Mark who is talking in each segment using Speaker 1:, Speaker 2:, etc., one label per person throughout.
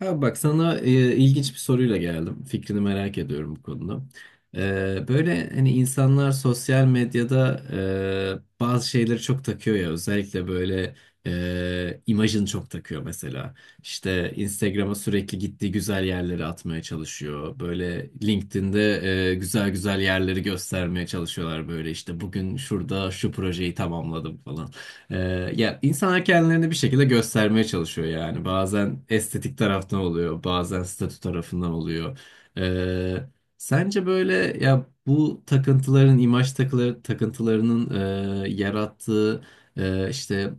Speaker 1: Ha, bak sana ilginç bir soruyla geldim. Fikrini merak ediyorum bu konuda. Böyle hani insanlar sosyal medyada bazı şeyleri çok takıyor ya. Özellikle böyle imajını çok takıyor mesela. İşte Instagram'a sürekli gittiği güzel yerleri atmaya çalışıyor. Böyle LinkedIn'de güzel güzel yerleri göstermeye çalışıyorlar böyle. İşte bugün şurada şu projeyi tamamladım falan. Ee, ya insanlar kendilerini bir şekilde göstermeye çalışıyor yani. Bazen estetik taraftan oluyor, bazen statü tarafından oluyor. Ee, sence böyle ya bu takıntıların, imaj takıları, takıntılarının yarattığı işte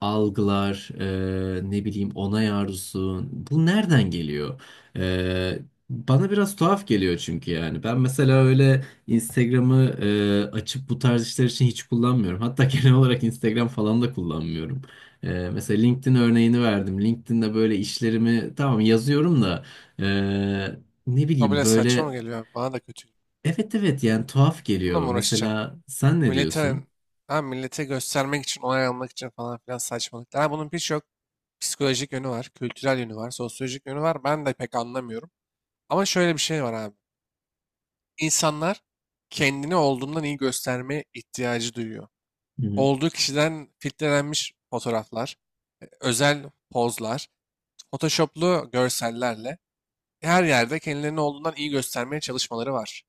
Speaker 1: algılar, ne bileyim onay arzusu, bu nereden geliyor? Ee, bana biraz tuhaf geliyor çünkü yani. Ben mesela öyle. Instagram'ı açıp bu tarz işler için hiç kullanmıyorum. Hatta genel olarak Instagram falan da kullanmıyorum. Mesela LinkedIn örneğini verdim. LinkedIn'de böyle işlerimi tamam yazıyorum da e, ne
Speaker 2: O
Speaker 1: bileyim
Speaker 2: bile saçma
Speaker 1: böyle
Speaker 2: mı geliyor? Bana da kötü.
Speaker 1: evet evet, yani tuhaf
Speaker 2: Bununla
Speaker 1: geliyor.
Speaker 2: mı uğraşacağım?
Speaker 1: Mesela sen ne
Speaker 2: Millete,
Speaker 1: diyorsun?
Speaker 2: ha, millete göstermek için, onay almak için falan filan saçmalıklar. Ha, bunun birçok psikolojik yönü var, kültürel yönü var, sosyolojik yönü var. Ben de pek anlamıyorum. Ama şöyle bir şey var abi. İnsanlar kendini olduğundan iyi göstermeye ihtiyacı duyuyor.
Speaker 1: Hı hı.
Speaker 2: Olduğu kişiden filtrelenmiş fotoğraflar, özel pozlar, photoshoplu görsellerle her yerde kendilerini olduğundan iyi göstermeye çalışmaları var.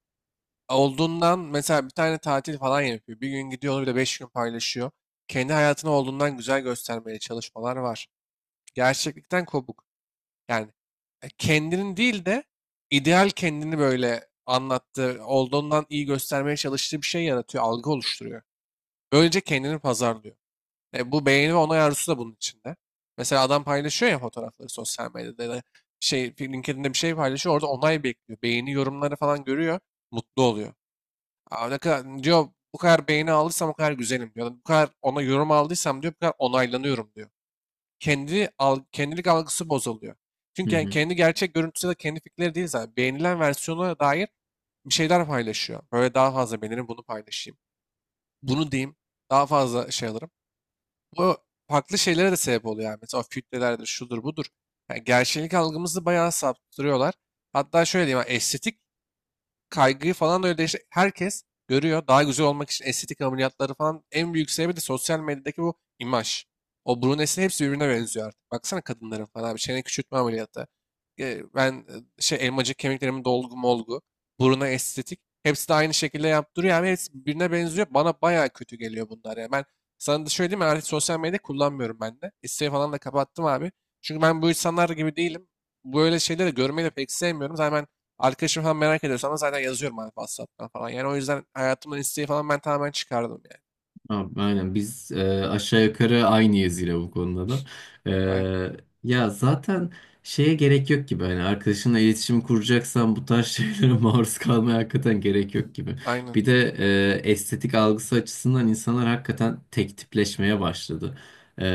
Speaker 2: Mesela bir tane tatil falan yapıyor. Bir gün gidiyor onu bir de beş gün paylaşıyor. Kendi hayatını olduğundan güzel göstermeye çalışmalar var. Gerçeklikten kopuk. Yani kendinin değil de ideal kendini böyle anlattığı, olduğundan iyi göstermeye çalıştığı bir şey yaratıyor, algı oluşturuyor. Böylece kendini pazarlıyor. Bu beğeni ve onay arzusu da bunun içinde. Mesela adam paylaşıyor ya fotoğrafları sosyal medyada ya da şey LinkedIn'de bir şey paylaşıyor orada onay bekliyor. Beğeni yorumları falan görüyor, mutlu oluyor. Aa, ne kadar, diyor bu kadar beğeni aldıysam o kadar güzelim diyor. Bu kadar ona yorum aldıysam diyor bu kadar onaylanıyorum diyor. Kendilik algısı bozuluyor.
Speaker 1: Hı
Speaker 2: Çünkü yani
Speaker 1: hı.
Speaker 2: kendi gerçek görüntüsü ya da kendi fikirleri değil zaten. Beğenilen versiyona dair bir şeyler paylaşıyor. Böyle daha fazla beğenirim bunu paylaşayım. Bunu diyeyim daha fazla şey alırım. Bu farklı şeylere de sebep oluyor yani. Mesela filtrelerdir şudur budur. Yani gerçeklik algımızı bayağı saptırıyorlar. Hatta şöyle diyeyim yani estetik kaygıyı falan da öyle işte herkes görüyor. Daha güzel olmak için estetik ameliyatları falan en büyük sebebi de sosyal medyadaki bu imaj. O brunesin hepsi birbirine benziyor artık. Baksana kadınların falan bir çene küçültme ameliyatı. E, ben şey elmacık kemiklerimin dolgu molgu. Buruna estetik. Hepsi de aynı şekilde yaptırıyor. Yani hepsi birbirine benziyor. Bana bayağı kötü geliyor bunlar. Yani ben sana da şöyle diyeyim mi? Artık sosyal medya kullanmıyorum ben de. İsteği falan da kapattım abi. Çünkü ben bu insanlar gibi değilim. Böyle şeyleri görmeyi de pek sevmiyorum. Zaten ben arkadaşım falan merak ediyorsa ama zaten yazıyorum abi WhatsApp'tan falan. Yani o yüzden hayatımdan isteği falan ben tamamen çıkardım yani.
Speaker 1: Abi, aynen biz aşağı yukarı aynıyız yine bu konuda da. E,
Speaker 2: Aynen.
Speaker 1: ya zaten şeye gerek yok gibi, hani arkadaşınla iletişim kuracaksan bu tarz şeylere maruz kalmaya hakikaten gerek yok gibi.
Speaker 2: Aynen.
Speaker 1: Bir de estetik algısı açısından insanlar hakikaten tek tipleşmeye başladı. E,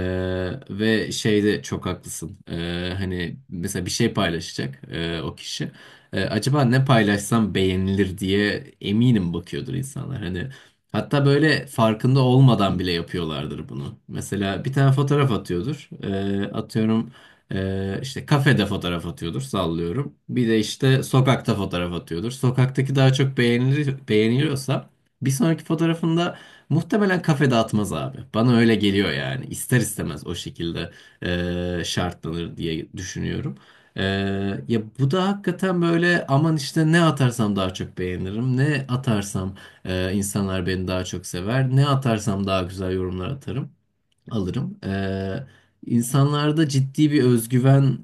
Speaker 1: ve şeyde çok haklısın. Hani mesela bir şey paylaşacak o kişi. Acaba ne paylaşsam beğenilir diye eminim bakıyordur insanlar. Hani hatta böyle farkında olmadan bile yapıyorlardır bunu. Mesela bir tane fotoğraf atıyordur. Atıyorum işte kafede fotoğraf atıyordur, sallıyorum. Bir de işte sokakta fotoğraf atıyordur. Sokaktaki daha çok beğenilir, beğeniliyorsa bir sonraki fotoğrafında muhtemelen kafede atmaz abi. Bana öyle geliyor yani. İster istemez o şekilde şartlanır diye düşünüyorum. Ee, ya bu da hakikaten böyle aman işte ne atarsam daha çok beğenirim, ne atarsam insanlar beni daha çok sever. Ne atarsam daha güzel yorumlar atarım, alırım. İnsanlarda ciddi bir özgüven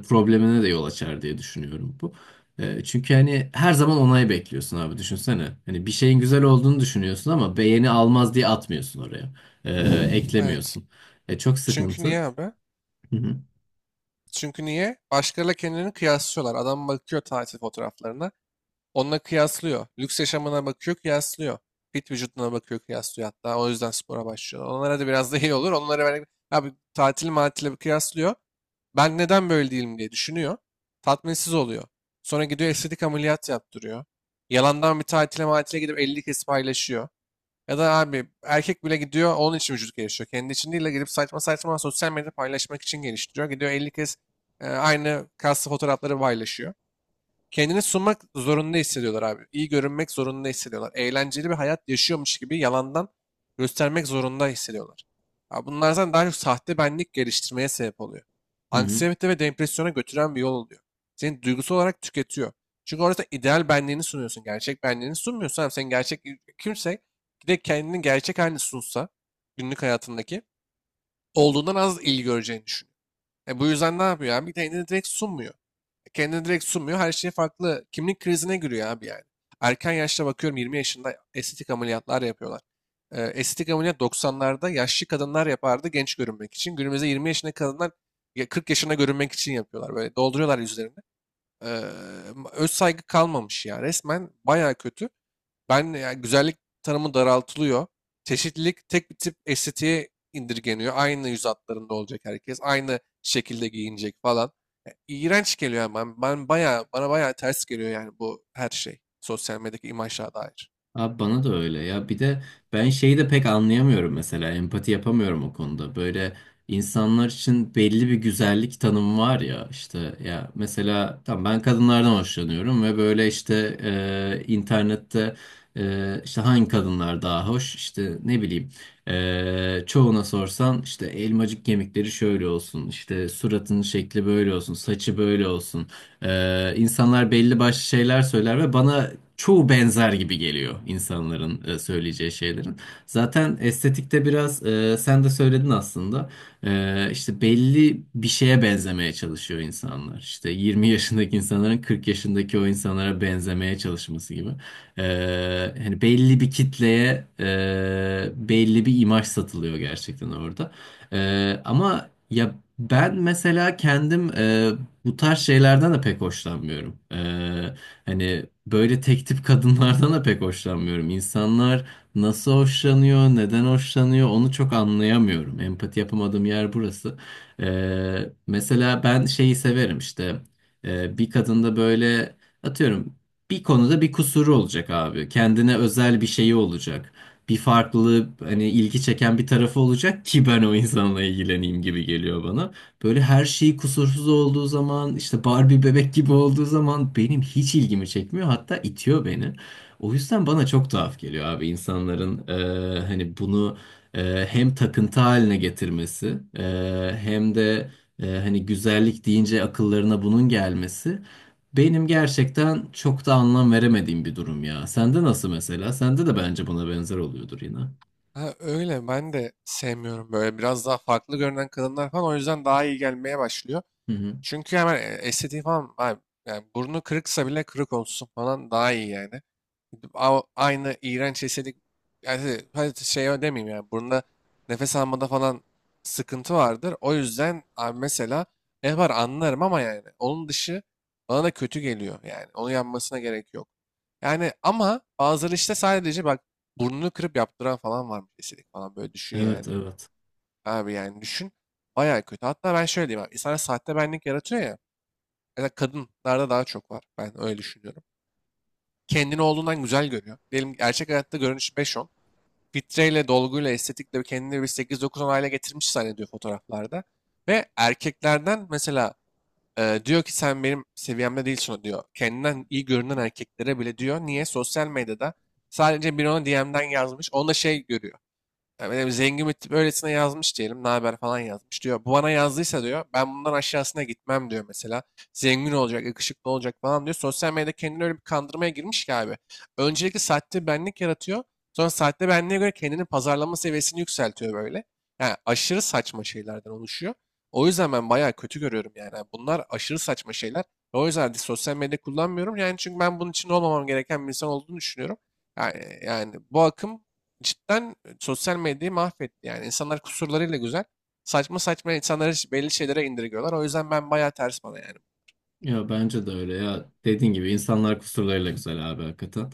Speaker 1: problemine de yol açar diye düşünüyorum bu. Çünkü hani her zaman onay bekliyorsun abi, düşünsene. Hani bir şeyin güzel olduğunu düşünüyorsun ama beğeni almaz diye atmıyorsun oraya. Ee,
Speaker 2: Evet.
Speaker 1: eklemiyorsun. Çok
Speaker 2: Çünkü niye
Speaker 1: sıkıntı.
Speaker 2: abi?
Speaker 1: Hı hı.
Speaker 2: Çünkü niye? Başkalarıyla kendilerini kıyaslıyorlar. Adam bakıyor tatil fotoğraflarına. Onunla kıyaslıyor. Lüks yaşamına bakıyor, kıyaslıyor. Fit vücuduna bakıyor, kıyaslıyor hatta. O yüzden spora başlıyor. Onlara da biraz da iyi olur. Onlara böyle abi tatil matile kıyaslıyor. Ben neden böyle değilim diye düşünüyor. Tatminsiz oluyor. Sonra gidiyor estetik ameliyat yaptırıyor. Yalandan bir tatile matile gidip 50 kez paylaşıyor. Ya da abi erkek bile gidiyor onun için vücut geliştiriyor. Kendi için değil de gidip saçma saçma sosyal medyada paylaşmak için geliştiriyor. Gidiyor 50 kez aynı kaslı fotoğrafları paylaşıyor. Kendini sunmak zorunda hissediyorlar abi. İyi görünmek zorunda hissediyorlar. Eğlenceli bir hayat yaşıyormuş gibi yalandan göstermek zorunda hissediyorlar. Ya bunlardan daha çok sahte benlik geliştirmeye sebep oluyor.
Speaker 1: Hı hı.
Speaker 2: Anksiyete ve depresyona götüren bir yol oluyor. Seni duygusal olarak tüketiyor. Çünkü orada ideal benliğini sunuyorsun. Gerçek benliğini sunmuyorsun. Abi. Sen gerçek kimse bir de kendini gerçek halini sunsa günlük hayatındaki olduğundan az ilgi göreceğini düşünüyorum. E, bu yüzden ne yapıyor abi? Kendini direkt sunmuyor. Kendini direkt sunmuyor. Her şey farklı. Kimlik krizine giriyor abi yani. Erken yaşta bakıyorum 20 yaşında estetik ameliyatlar yapıyorlar. E, estetik ameliyat 90'larda yaşlı kadınlar yapardı genç görünmek için. Günümüzde 20 yaşında kadınlar ya 40 yaşına görünmek için yapıyorlar. Böyle dolduruyorlar yüzlerini. E, Öz saygı kalmamış ya. Resmen baya kötü. Ben yani güzellik tanımı daraltılıyor. Çeşitlilik tek bir tip estetiğe indirgeniyor. Aynı yüz hatlarında olacak herkes. Aynı şekilde giyinecek falan. Ya, İğrenç geliyor yani. Ben bayağı, bana bayağı ters geliyor yani bu her şey. Sosyal medyadaki imajlara dair.
Speaker 1: Abi bana da öyle ya, bir de ben şeyi de pek anlayamıyorum, mesela empati yapamıyorum o konuda. Böyle insanlar için belli bir güzellik tanımı var ya işte, ya mesela tam ben kadınlardan hoşlanıyorum ve böyle işte internette işte hangi kadınlar daha hoş, işte ne bileyim çoğuna sorsan işte elmacık kemikleri şöyle olsun, işte suratının şekli böyle olsun, saçı böyle olsun. İnsanlar belli başlı şeyler söyler ve bana çoğu benzer gibi geliyor insanların söyleyeceği şeylerin. Zaten estetikte biraz sen de söyledin aslında. İşte belli bir şeye benzemeye çalışıyor insanlar. İşte 20 yaşındaki insanların 40 yaşındaki o insanlara benzemeye çalışması gibi. Hani belli bir kitleye belli bir imaj satılıyor gerçekten orada. Ama ya ben mesela kendim bu tarz şeylerden de pek hoşlanmıyorum. Hani böyle tek tip kadınlardan da pek hoşlanmıyorum. İnsanlar nasıl hoşlanıyor, neden hoşlanıyor, onu çok anlayamıyorum. Empati yapamadığım yer burası. Mesela ben şeyi severim, işte bir kadında böyle, atıyorum, bir konuda bir kusuru olacak abi. Kendine özel bir şeyi olacak. Bir farklılığı, hani ilgi çeken bir tarafı olacak ki ben o insanla ilgileneyim gibi geliyor bana. Böyle her şeyi kusursuz olduğu zaman, işte Barbie bebek gibi olduğu zaman benim hiç ilgimi çekmiyor. Hatta itiyor beni. O yüzden bana çok tuhaf geliyor abi insanların hani bunu hem takıntı haline getirmesi, hem de hani güzellik deyince akıllarına bunun gelmesi. Benim gerçekten çok da anlam veremediğim bir durum ya. Sende nasıl mesela? Sende de bence buna benzer oluyordur yine.
Speaker 2: Ha, öyle ben de sevmiyorum böyle biraz daha farklı görünen kadınlar falan o yüzden daha iyi gelmeye başlıyor.
Speaker 1: Hı hı.
Speaker 2: Çünkü hemen estetiği falan abi, yani burnu kırıksa bile kırık olsun falan daha iyi yani. Aynı iğrenç estetik yani şey, hadi şey demeyeyim yani burnunda nefes almada falan sıkıntı vardır. O yüzden abi mesela yapar anlarım ama yani onun dışı bana da kötü geliyor yani. Onu yapmasına gerek yok. Yani ama bazıları işte sadece bak burnunu kırıp yaptıran falan varmış estetik falan böyle düşün
Speaker 1: Evet,
Speaker 2: yani.
Speaker 1: evet.
Speaker 2: Abi yani düşün. Bayağı kötü. Hatta ben şöyle diyeyim abi. İnsanlar sahte benlik yaratıyor ya. Ya kadınlarda daha çok var. Ben öyle düşünüyorum. Kendini olduğundan güzel görüyor. Diyelim gerçek hayatta görünüş beş on fitreyle, dolguyla, estetikle bir kendini bir sekiz dokuz on hale getirmiş zannediyor fotoğraflarda. Ve erkeklerden mesela diyor ki sen benim seviyemde değilsin diyor. Kendinden iyi görünen erkeklere bile diyor. Niye? Sosyal medyada sadece bir ona DM'den yazmış. Onda şey görüyor. Ya benim zengin bir tip öylesine yazmış diyelim. Ne haber falan yazmış diyor. Bu bana yazdıysa diyor. Ben bundan aşağısına gitmem diyor mesela. Zengin olacak, yakışıklı olacak falan diyor. Sosyal medyada kendini öyle bir kandırmaya girmiş ki abi. Öncelikle sahte benlik yaratıyor. Sonra sahte benliğe göre kendini pazarlama seviyesini yükseltiyor böyle. Yani aşırı saçma şeylerden oluşuyor. O yüzden ben bayağı kötü görüyorum yani. Yani bunlar aşırı saçma şeyler. Ve o yüzden de sosyal medya kullanmıyorum. Yani çünkü ben bunun için olmamam gereken bir insan olduğunu düşünüyorum. Yani, yani bu akım cidden sosyal medyayı mahvetti yani. İnsanlar kusurlarıyla güzel. Saçma saçma insanları belli şeylere indirgiyorlar. O yüzden ben bayağı ters bana yani.
Speaker 1: Ya bence de öyle ya, dediğin gibi insanlar kusurlarıyla güzel abi, hakikaten.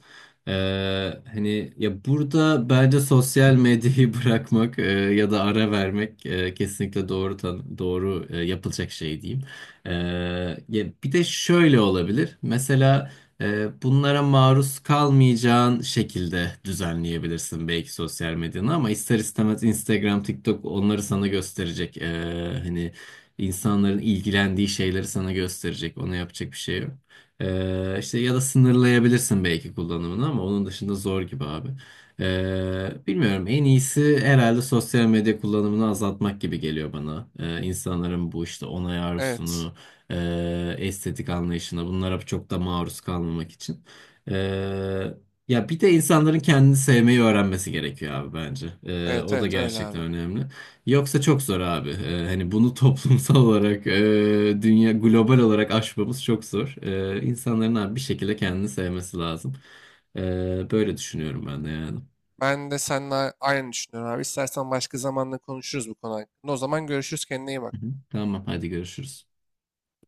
Speaker 1: Ee, hani ya burada bence sosyal medyayı bırakmak ya da ara vermek kesinlikle doğru doğru yapılacak şey diyeyim. Ee, ya bir de şöyle olabilir. Mesela bunlara maruz kalmayacağın şekilde düzenleyebilirsin belki sosyal medyanı, ama ister istemez Instagram, TikTok onları sana gösterecek. Hani İnsanların ilgilendiği şeyleri sana gösterecek. Ona yapacak bir şey yok. İşte ya da sınırlayabilirsin belki kullanımını, ama onun dışında zor gibi abi. Bilmiyorum, en iyisi herhalde sosyal medya kullanımını azaltmak gibi geliyor bana. İnsanların bu işte onay
Speaker 2: Evet.
Speaker 1: arzusunu, estetik anlayışına, bunlara çok da maruz kalmamak için. Ee, ya bir de insanların kendini sevmeyi öğrenmesi gerekiyor abi, bence.
Speaker 2: Evet
Speaker 1: O da
Speaker 2: evet öyle
Speaker 1: gerçekten
Speaker 2: abi.
Speaker 1: önemli. Yoksa çok zor abi. Hani bunu toplumsal olarak, dünya global olarak aşmamız çok zor. İnsanların abi bir şekilde kendini sevmesi lazım. Böyle düşünüyorum ben de yani.
Speaker 2: Ben de seninle aynı düşünüyorum abi. İstersen başka zamanla konuşuruz bu konu hakkında. O zaman görüşürüz. Kendine iyi
Speaker 1: Hı hı.
Speaker 2: bak.
Speaker 1: Tamam, hadi görüşürüz.